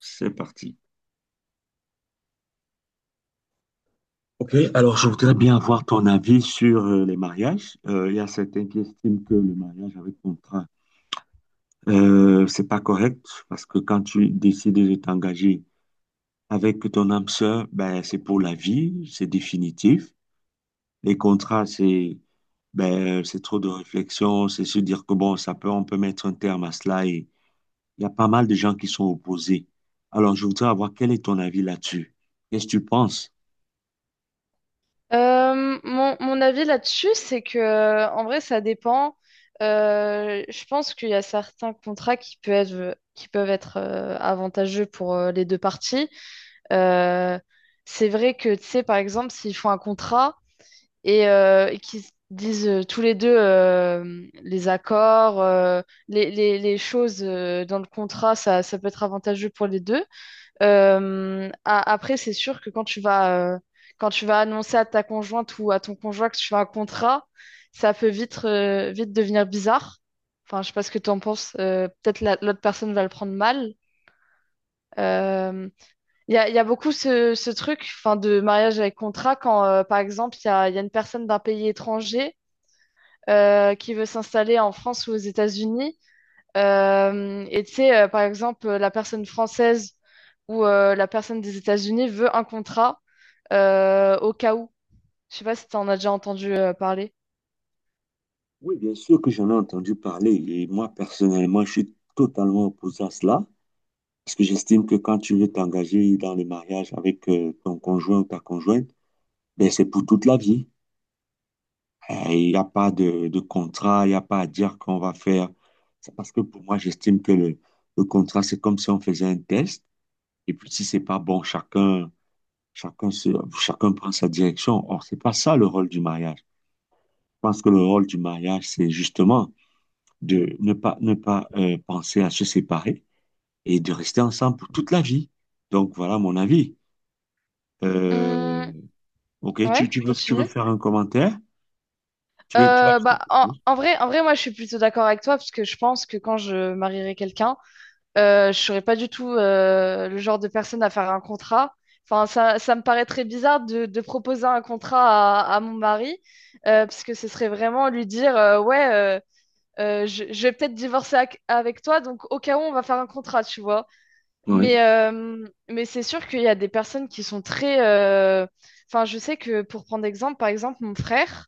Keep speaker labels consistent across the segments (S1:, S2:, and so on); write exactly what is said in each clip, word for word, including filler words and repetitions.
S1: C'est parti. Ok, alors je voudrais bien avoir ton avis sur euh, les mariages. Euh, il y a certains qui estiment que le mariage avec contrat, euh, c'est pas correct parce que quand tu décides de t'engager avec ton âme sœur, ben c'est pour la vie, c'est définitif. Les contrats, c'est ben c'est trop de réflexion, c'est se dire que bon, ça peut, on peut mettre un terme à cela et il y a pas mal de gens qui sont opposés. Alors je voudrais avoir quel est ton avis là-dessus? Qu'est-ce que tu penses?
S2: Euh, mon, mon avis là-dessus, c'est que euh, en vrai, ça dépend. Euh, je pense qu'il y a certains contrats qui peuvent être, qui peuvent être euh, avantageux pour euh, les deux parties. Euh, c'est vrai que, tu sais, par exemple, s'ils font un contrat et, euh, et qu'ils se disent euh, tous les deux, euh, les accords, euh, les, les, les choses euh, dans le contrat, ça, ça peut être avantageux pour les deux. Euh, a- après, c'est sûr que quand tu vas, euh, quand tu vas annoncer à ta conjointe ou à ton conjoint que tu fais un contrat, ça peut vite, euh, vite devenir bizarre. Enfin, je sais pas ce que tu en penses. euh, Peut-être la- l'autre personne va le prendre mal. Euh, Il y a, il y a beaucoup ce, ce truc, enfin, de mariage avec contrat quand, euh, par exemple, il y a, il y a une personne d'un pays étranger euh, qui veut s'installer en France ou aux États-Unis. Euh, et tu sais, euh, par exemple, euh, la personne française ou euh, la personne des États-Unis veut un contrat euh, au cas où. Je sais pas si tu en as déjà entendu euh, parler.
S1: Oui, bien sûr que j'en ai entendu parler et moi personnellement, je suis totalement opposé à cela parce que j'estime que quand tu veux t'engager dans le mariage avec euh, ton conjoint ou ta conjointe, ben, c'est pour toute la vie. Euh, Il n'y a pas de, de contrat, il n'y a pas à dire qu'on va faire. C'est parce que pour moi, j'estime que le, le contrat, c'est comme si on faisait un test et puis si c'est pas bon, chacun, chacun, se, chacun prend sa direction. Or, c'est pas ça le rôle du mariage. Je pense que le rôle du mariage, c'est justement de ne pas, ne pas euh, penser à se séparer et de rester ensemble pour toute la vie. Donc voilà mon avis. Euh,
S2: Hum,
S1: ok, tu,
S2: ouais,
S1: tu veux, tu veux
S2: continue.
S1: faire un commentaire? Tu veux, tu vas
S2: Euh,
S1: dire
S2: bah, en,
S1: quelque chose.
S2: en vrai, en vrai, moi, je suis plutôt d'accord avec toi parce que je pense que quand je marierai quelqu'un, euh, je serais pas du tout euh, le genre de personne à faire un contrat. Enfin, ça, ça me paraît très bizarre de, de proposer un contrat à, à mon mari euh, parce que ce serait vraiment lui dire, euh, ouais. euh, euh, je, je vais peut-être divorcer ac- avec toi, donc au cas où on va faire un contrat, tu vois.
S1: Oui.
S2: Mais, euh, mais c'est sûr qu'il y a des personnes qui sont très... euh, Enfin, je sais que pour prendre exemple, par exemple, mon frère,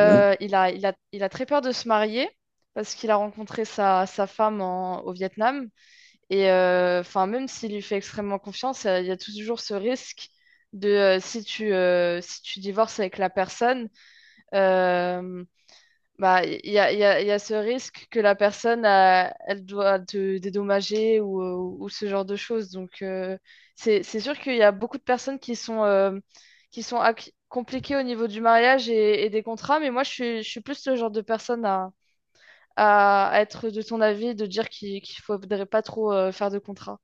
S1: Ouais.
S2: il a, il a, il a très peur de se marier parce qu'il a rencontré sa, sa femme en- au Vietnam. Et euh, enfin, même s'il lui fait extrêmement confiance, euh, il y a toujours ce risque de euh, si tu, euh, si tu divorces avec la personne. Euh, bah, il y a, il y a, Il y a ce risque que la personne, euh, elle doit te dédommager ou, euh, ou ce genre de choses. Donc, euh, c'est, c'est sûr qu'il y a beaucoup de personnes qui sont, euh, qui sont ac- compliquées au niveau du mariage et, et des contrats, mais moi, je suis, je suis plus le genre de personne à, à être de ton avis, de dire qu'il qu'il faudrait pas trop euh, faire de contrats.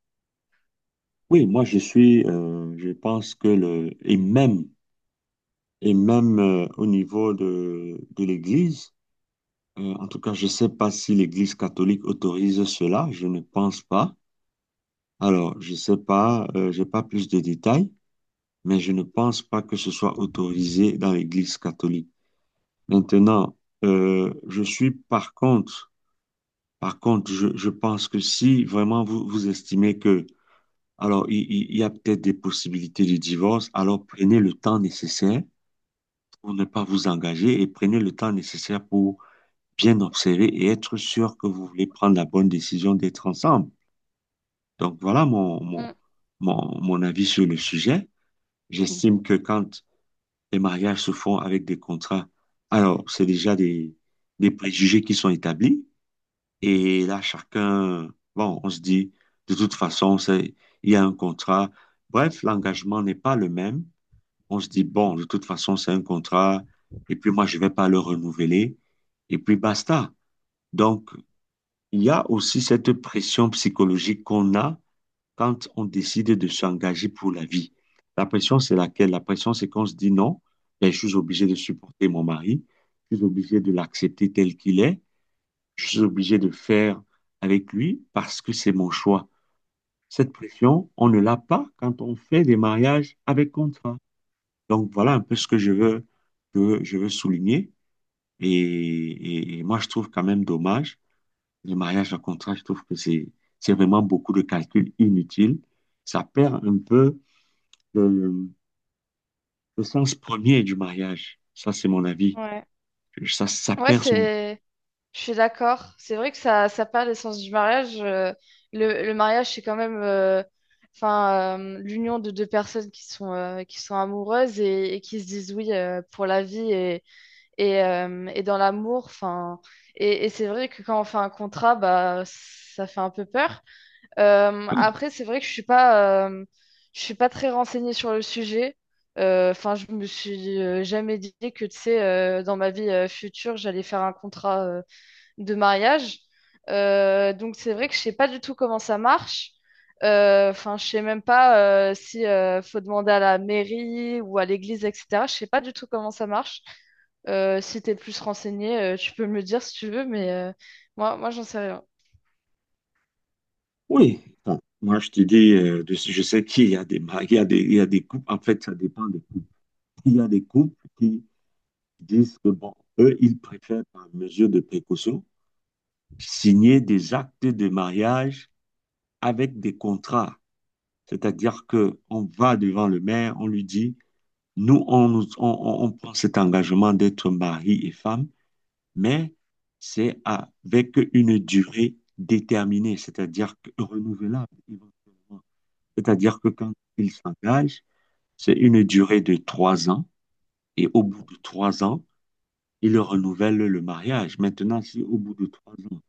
S1: Oui, moi je suis, euh, je pense que le, et même, et même euh, au niveau de, de l'Église, euh, en tout cas, je ne sais pas si l'Église catholique autorise cela, je ne pense pas. Alors, je ne sais pas, euh, j'ai pas plus de détails. Mais je ne pense pas que ce soit autorisé dans l'Église catholique. Maintenant, euh, je suis par contre, par contre, je, je pense que si vraiment vous, vous estimez que, alors, il, il- il y a peut-être des possibilités de divorce, alors prenez le temps nécessaire pour ne pas vous engager et prenez le temps nécessaire pour bien observer et être sûr que vous voulez prendre la bonne décision d'être ensemble. Donc voilà mon, mon,
S2: Mm.
S1: mon, mon avis sur le sujet. J'estime que quand les mariages se font avec des contrats. Alors, c'est déjà des, des préjugés qui sont établis. Et là, chacun, bon, on se dit, de toute façon, c'est, il y a un contrat. Bref, l'engagement n'est pas le même. On se dit, bon, de toute façon, c'est un contrat. Et puis moi, je vais pas le renouveler. Et puis basta. Donc, il y a aussi cette pression psychologique qu'on a quand on décide de s'engager pour la vie. La pression, c'est laquelle? La pression, c'est qu'on se dit non, ben, je suis obligé de supporter mon mari, je suis obligé de l'accepter tel qu'il est, je suis obligé de faire avec lui parce que c'est mon choix. Cette pression, on ne l'a pas quand on fait des mariages avec contrat. Donc voilà un peu ce que je veux, que je veux souligner. Et, et- et moi, je trouve quand même dommage les mariages à contrat. Je trouve que c'est, c'est vraiment beaucoup de calculs inutiles. Ça perd un peu le, le sens premier du mariage. Ça, c'est mon avis.
S2: Ouais.
S1: Ça, ça
S2: Ouais,
S1: perd son...
S2: c'est. Je suis d'accord. C'est vrai que ça, ça perd l'essence du mariage. euh, Le, le mariage, c'est quand même euh, enfin, euh, l'union de deux personnes qui sont, euh, qui sont amoureuses et, et qui se disent oui euh, pour la vie et, et, euh, et dans l'amour. Enfin, et et c'est vrai que quand on fait un contrat, bah, ça fait un peu peur. Euh, après, c'est vrai que je suis pas, euh, je suis pas très renseignée sur le sujet. Euh, Enfin, je me suis euh, jamais dit que, tu sais, euh, dans ma vie euh, future, j'allais faire un contrat. euh, de mariage. Euh, donc c'est vrai que je sais pas du tout comment ça marche. Euh, Enfin, je sais même pas euh, si euh, faut demander à la mairie ou à l'église, et cetera. Je sais pas du tout comment ça marche. Euh, si t'es plus renseigné, euh, tu peux me le dire si tu veux, mais euh, moi, moi, j'en sais rien.
S1: Oui, bon, moi, je te dis, euh, de- je sais qu'il y a des mari- il y a des, il y a des couples, en fait, ça dépend des couples. Il y a des couples qui disent que, bon, eux, ils préfèrent, par mesure de précaution, signer des actes de mariage avec des contrats. C'est-à-dire que on va devant le maire, on lui dit, nous, on, nous- on on- on prend cet engagement d'être mari et femme mais c'est avec une durée déterminée, c'est-à-dire que renouvelable éventuellement. C'est-à-dire que quand il s'engage, c'est une durée de trois ans et au bout de trois ans, il renouvelle le mariage. Maintenant, si au bout de trois ans,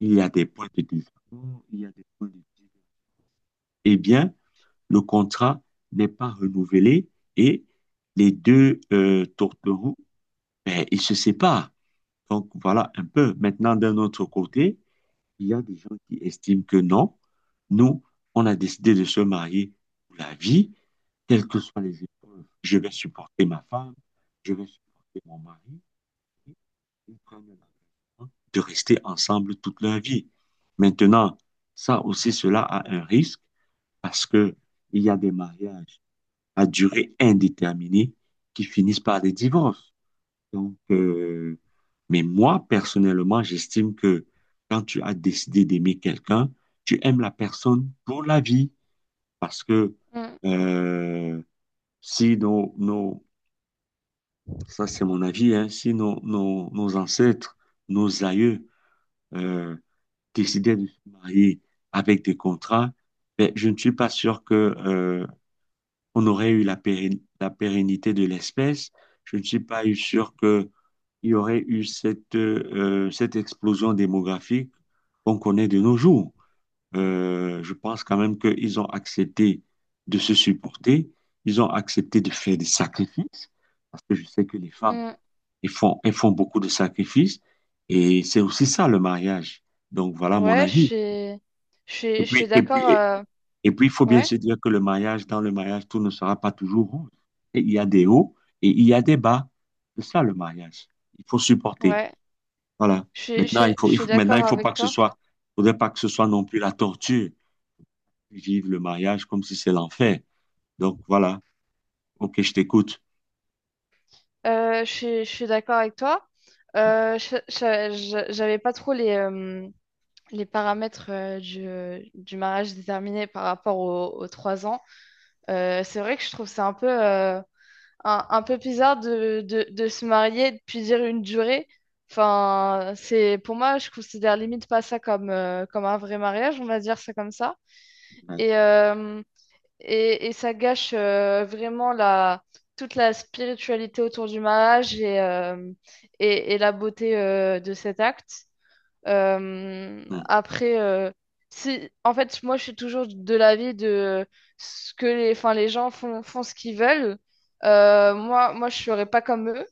S1: il y a des points de désaccord, il y a des points de divergence, eh bien, le contrat n'est pas renouvelé et les deux euh, tourtereaux, ben, ils se séparent. Donc, voilà un peu. Maintenant, d'un autre côté, il y a des gens qui estiment que non, nous, on a décidé de se marier pour la vie, quelles que soient les épreuves. Je vais supporter ma femme, je vais supporter mon mari. Et ils prennent l'engagement de rester ensemble toute leur vie. Maintenant, ça aussi, cela a un risque parce que il y a des mariages à durée indéterminée qui finissent par des divorces. Donc, euh, mais moi, personnellement, j'estime que quand tu as décidé d'aimer quelqu'un, tu aimes la personne pour la vie. Parce que
S2: Mm,
S1: euh, si nos, nos- ça c'est mon avis, hein, si nos, nos, nos ancêtres, nos aïeux euh, décidaient de se marier avec des contrats, ben, je ne suis pas sûr que euh, on aurait eu la péren- la pérennité de l'espèce. Je ne suis pas eu sûr que il y aurait eu cette, euh, cette explosion démographique qu'on connaît de nos jours. Euh, je pense quand même qu'ils ont accepté de se supporter, ils ont accepté de faire des sacrifices, parce que je sais que les femmes,
S2: mm.
S1: elles font, elles font beaucoup de sacrifices, et c'est aussi ça le mariage. Donc voilà mon
S2: Ouais, je
S1: avis.
S2: suis, je suis,
S1: Et
S2: je suis
S1: puis, et puis,
S2: d'accord.
S1: et,
S2: euh,
S1: et puis, il faut bien
S2: Ouais,
S1: se dire que le mariage, dans le mariage, tout ne sera pas toujours rose. Et il y a des hauts et il y a des bas. C'est ça le mariage. Il faut supporter.
S2: ouais.
S1: Voilà.
S2: Je suis, je
S1: Maintenant, il
S2: suis- je
S1: faut, il
S2: suis
S1: faut- maintenant,
S2: d'accord
S1: il faut
S2: avec
S1: pas que ce
S2: toi.
S1: soit, faudrait pas que ce soit non plus la torture. Vivre le mariage comme si c'est l'enfer. Donc, voilà. OK, je t'écoute.
S2: Euh, je suis, je suis d'accord avec toi. Euh, je- je- je- j'avais pas trop les, euh, les paramètres euh, du, euh, du mariage déterminés par rapport aux, aux trois ans. Euh, c'est vrai que je trouve ça un peu, euh, un, un peu bizarre de, de, de se marier et de puis dire une durée. Enfin, c'est, pour moi, je considère limite pas ça comme, euh, comme un vrai mariage, on va dire ça comme ça.
S1: Ouais.
S2: Et, euh, et, et ça gâche euh, vraiment la, toute la spiritualité autour du mariage et, euh, et, et la beauté euh, de cet acte. Euh,
S1: Hum,
S2: après, euh, Si, en fait, moi, je suis toujours de l'avis de ce que les, enfin, les gens font, font ce qu'ils veulent. Euh, moi, moi, je serais pas comme eux.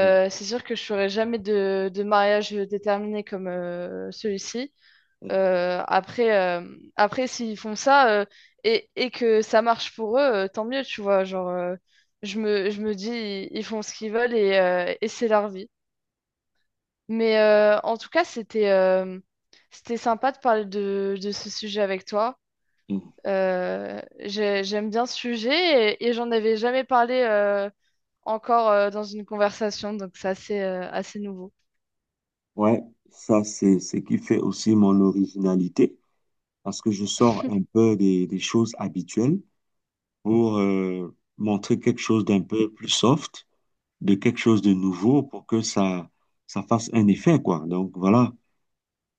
S1: hum,
S2: C'est sûr que je ferai jamais de, de mariage déterminé comme euh, celui-ci.
S1: hum,
S2: Euh, après, euh, après, s'ils font ça euh, et, et que ça marche pour eux, euh, tant mieux, tu vois. Genre, euh, je me, je me dis, ils font ce qu'ils veulent et, euh, et c'est leur vie. Mais euh, en tout cas, c'était euh, c'était sympa de parler de, de ce sujet avec toi.
S1: hum.
S2: Euh, j'ai- j'aime bien ce sujet et, et j'en avais jamais parlé euh, encore euh, dans une conversation, donc c'est assez, euh, assez nouveau.
S1: Ouais, ça, c'est ce qui fait aussi mon originalité, parce que je sors un peu des, des choses habituelles pour euh, montrer quelque chose d'un peu plus soft, de quelque chose de nouveau pour que ça, ça fasse un effet, quoi. Donc, voilà.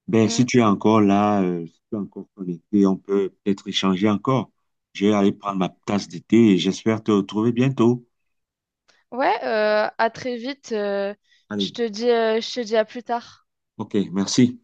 S1: Ben, si
S2: Mm.
S1: tu es encore là, euh, si tu es encore connecté, on peut peut-être échanger encore. Je vais aller prendre ma tasse d'été. Et j'espère te retrouver bientôt.
S2: Ouais, euh, à très vite. euh, je
S1: Allez,
S2: te dis, euh, Je te dis à plus tard.
S1: ok, merci.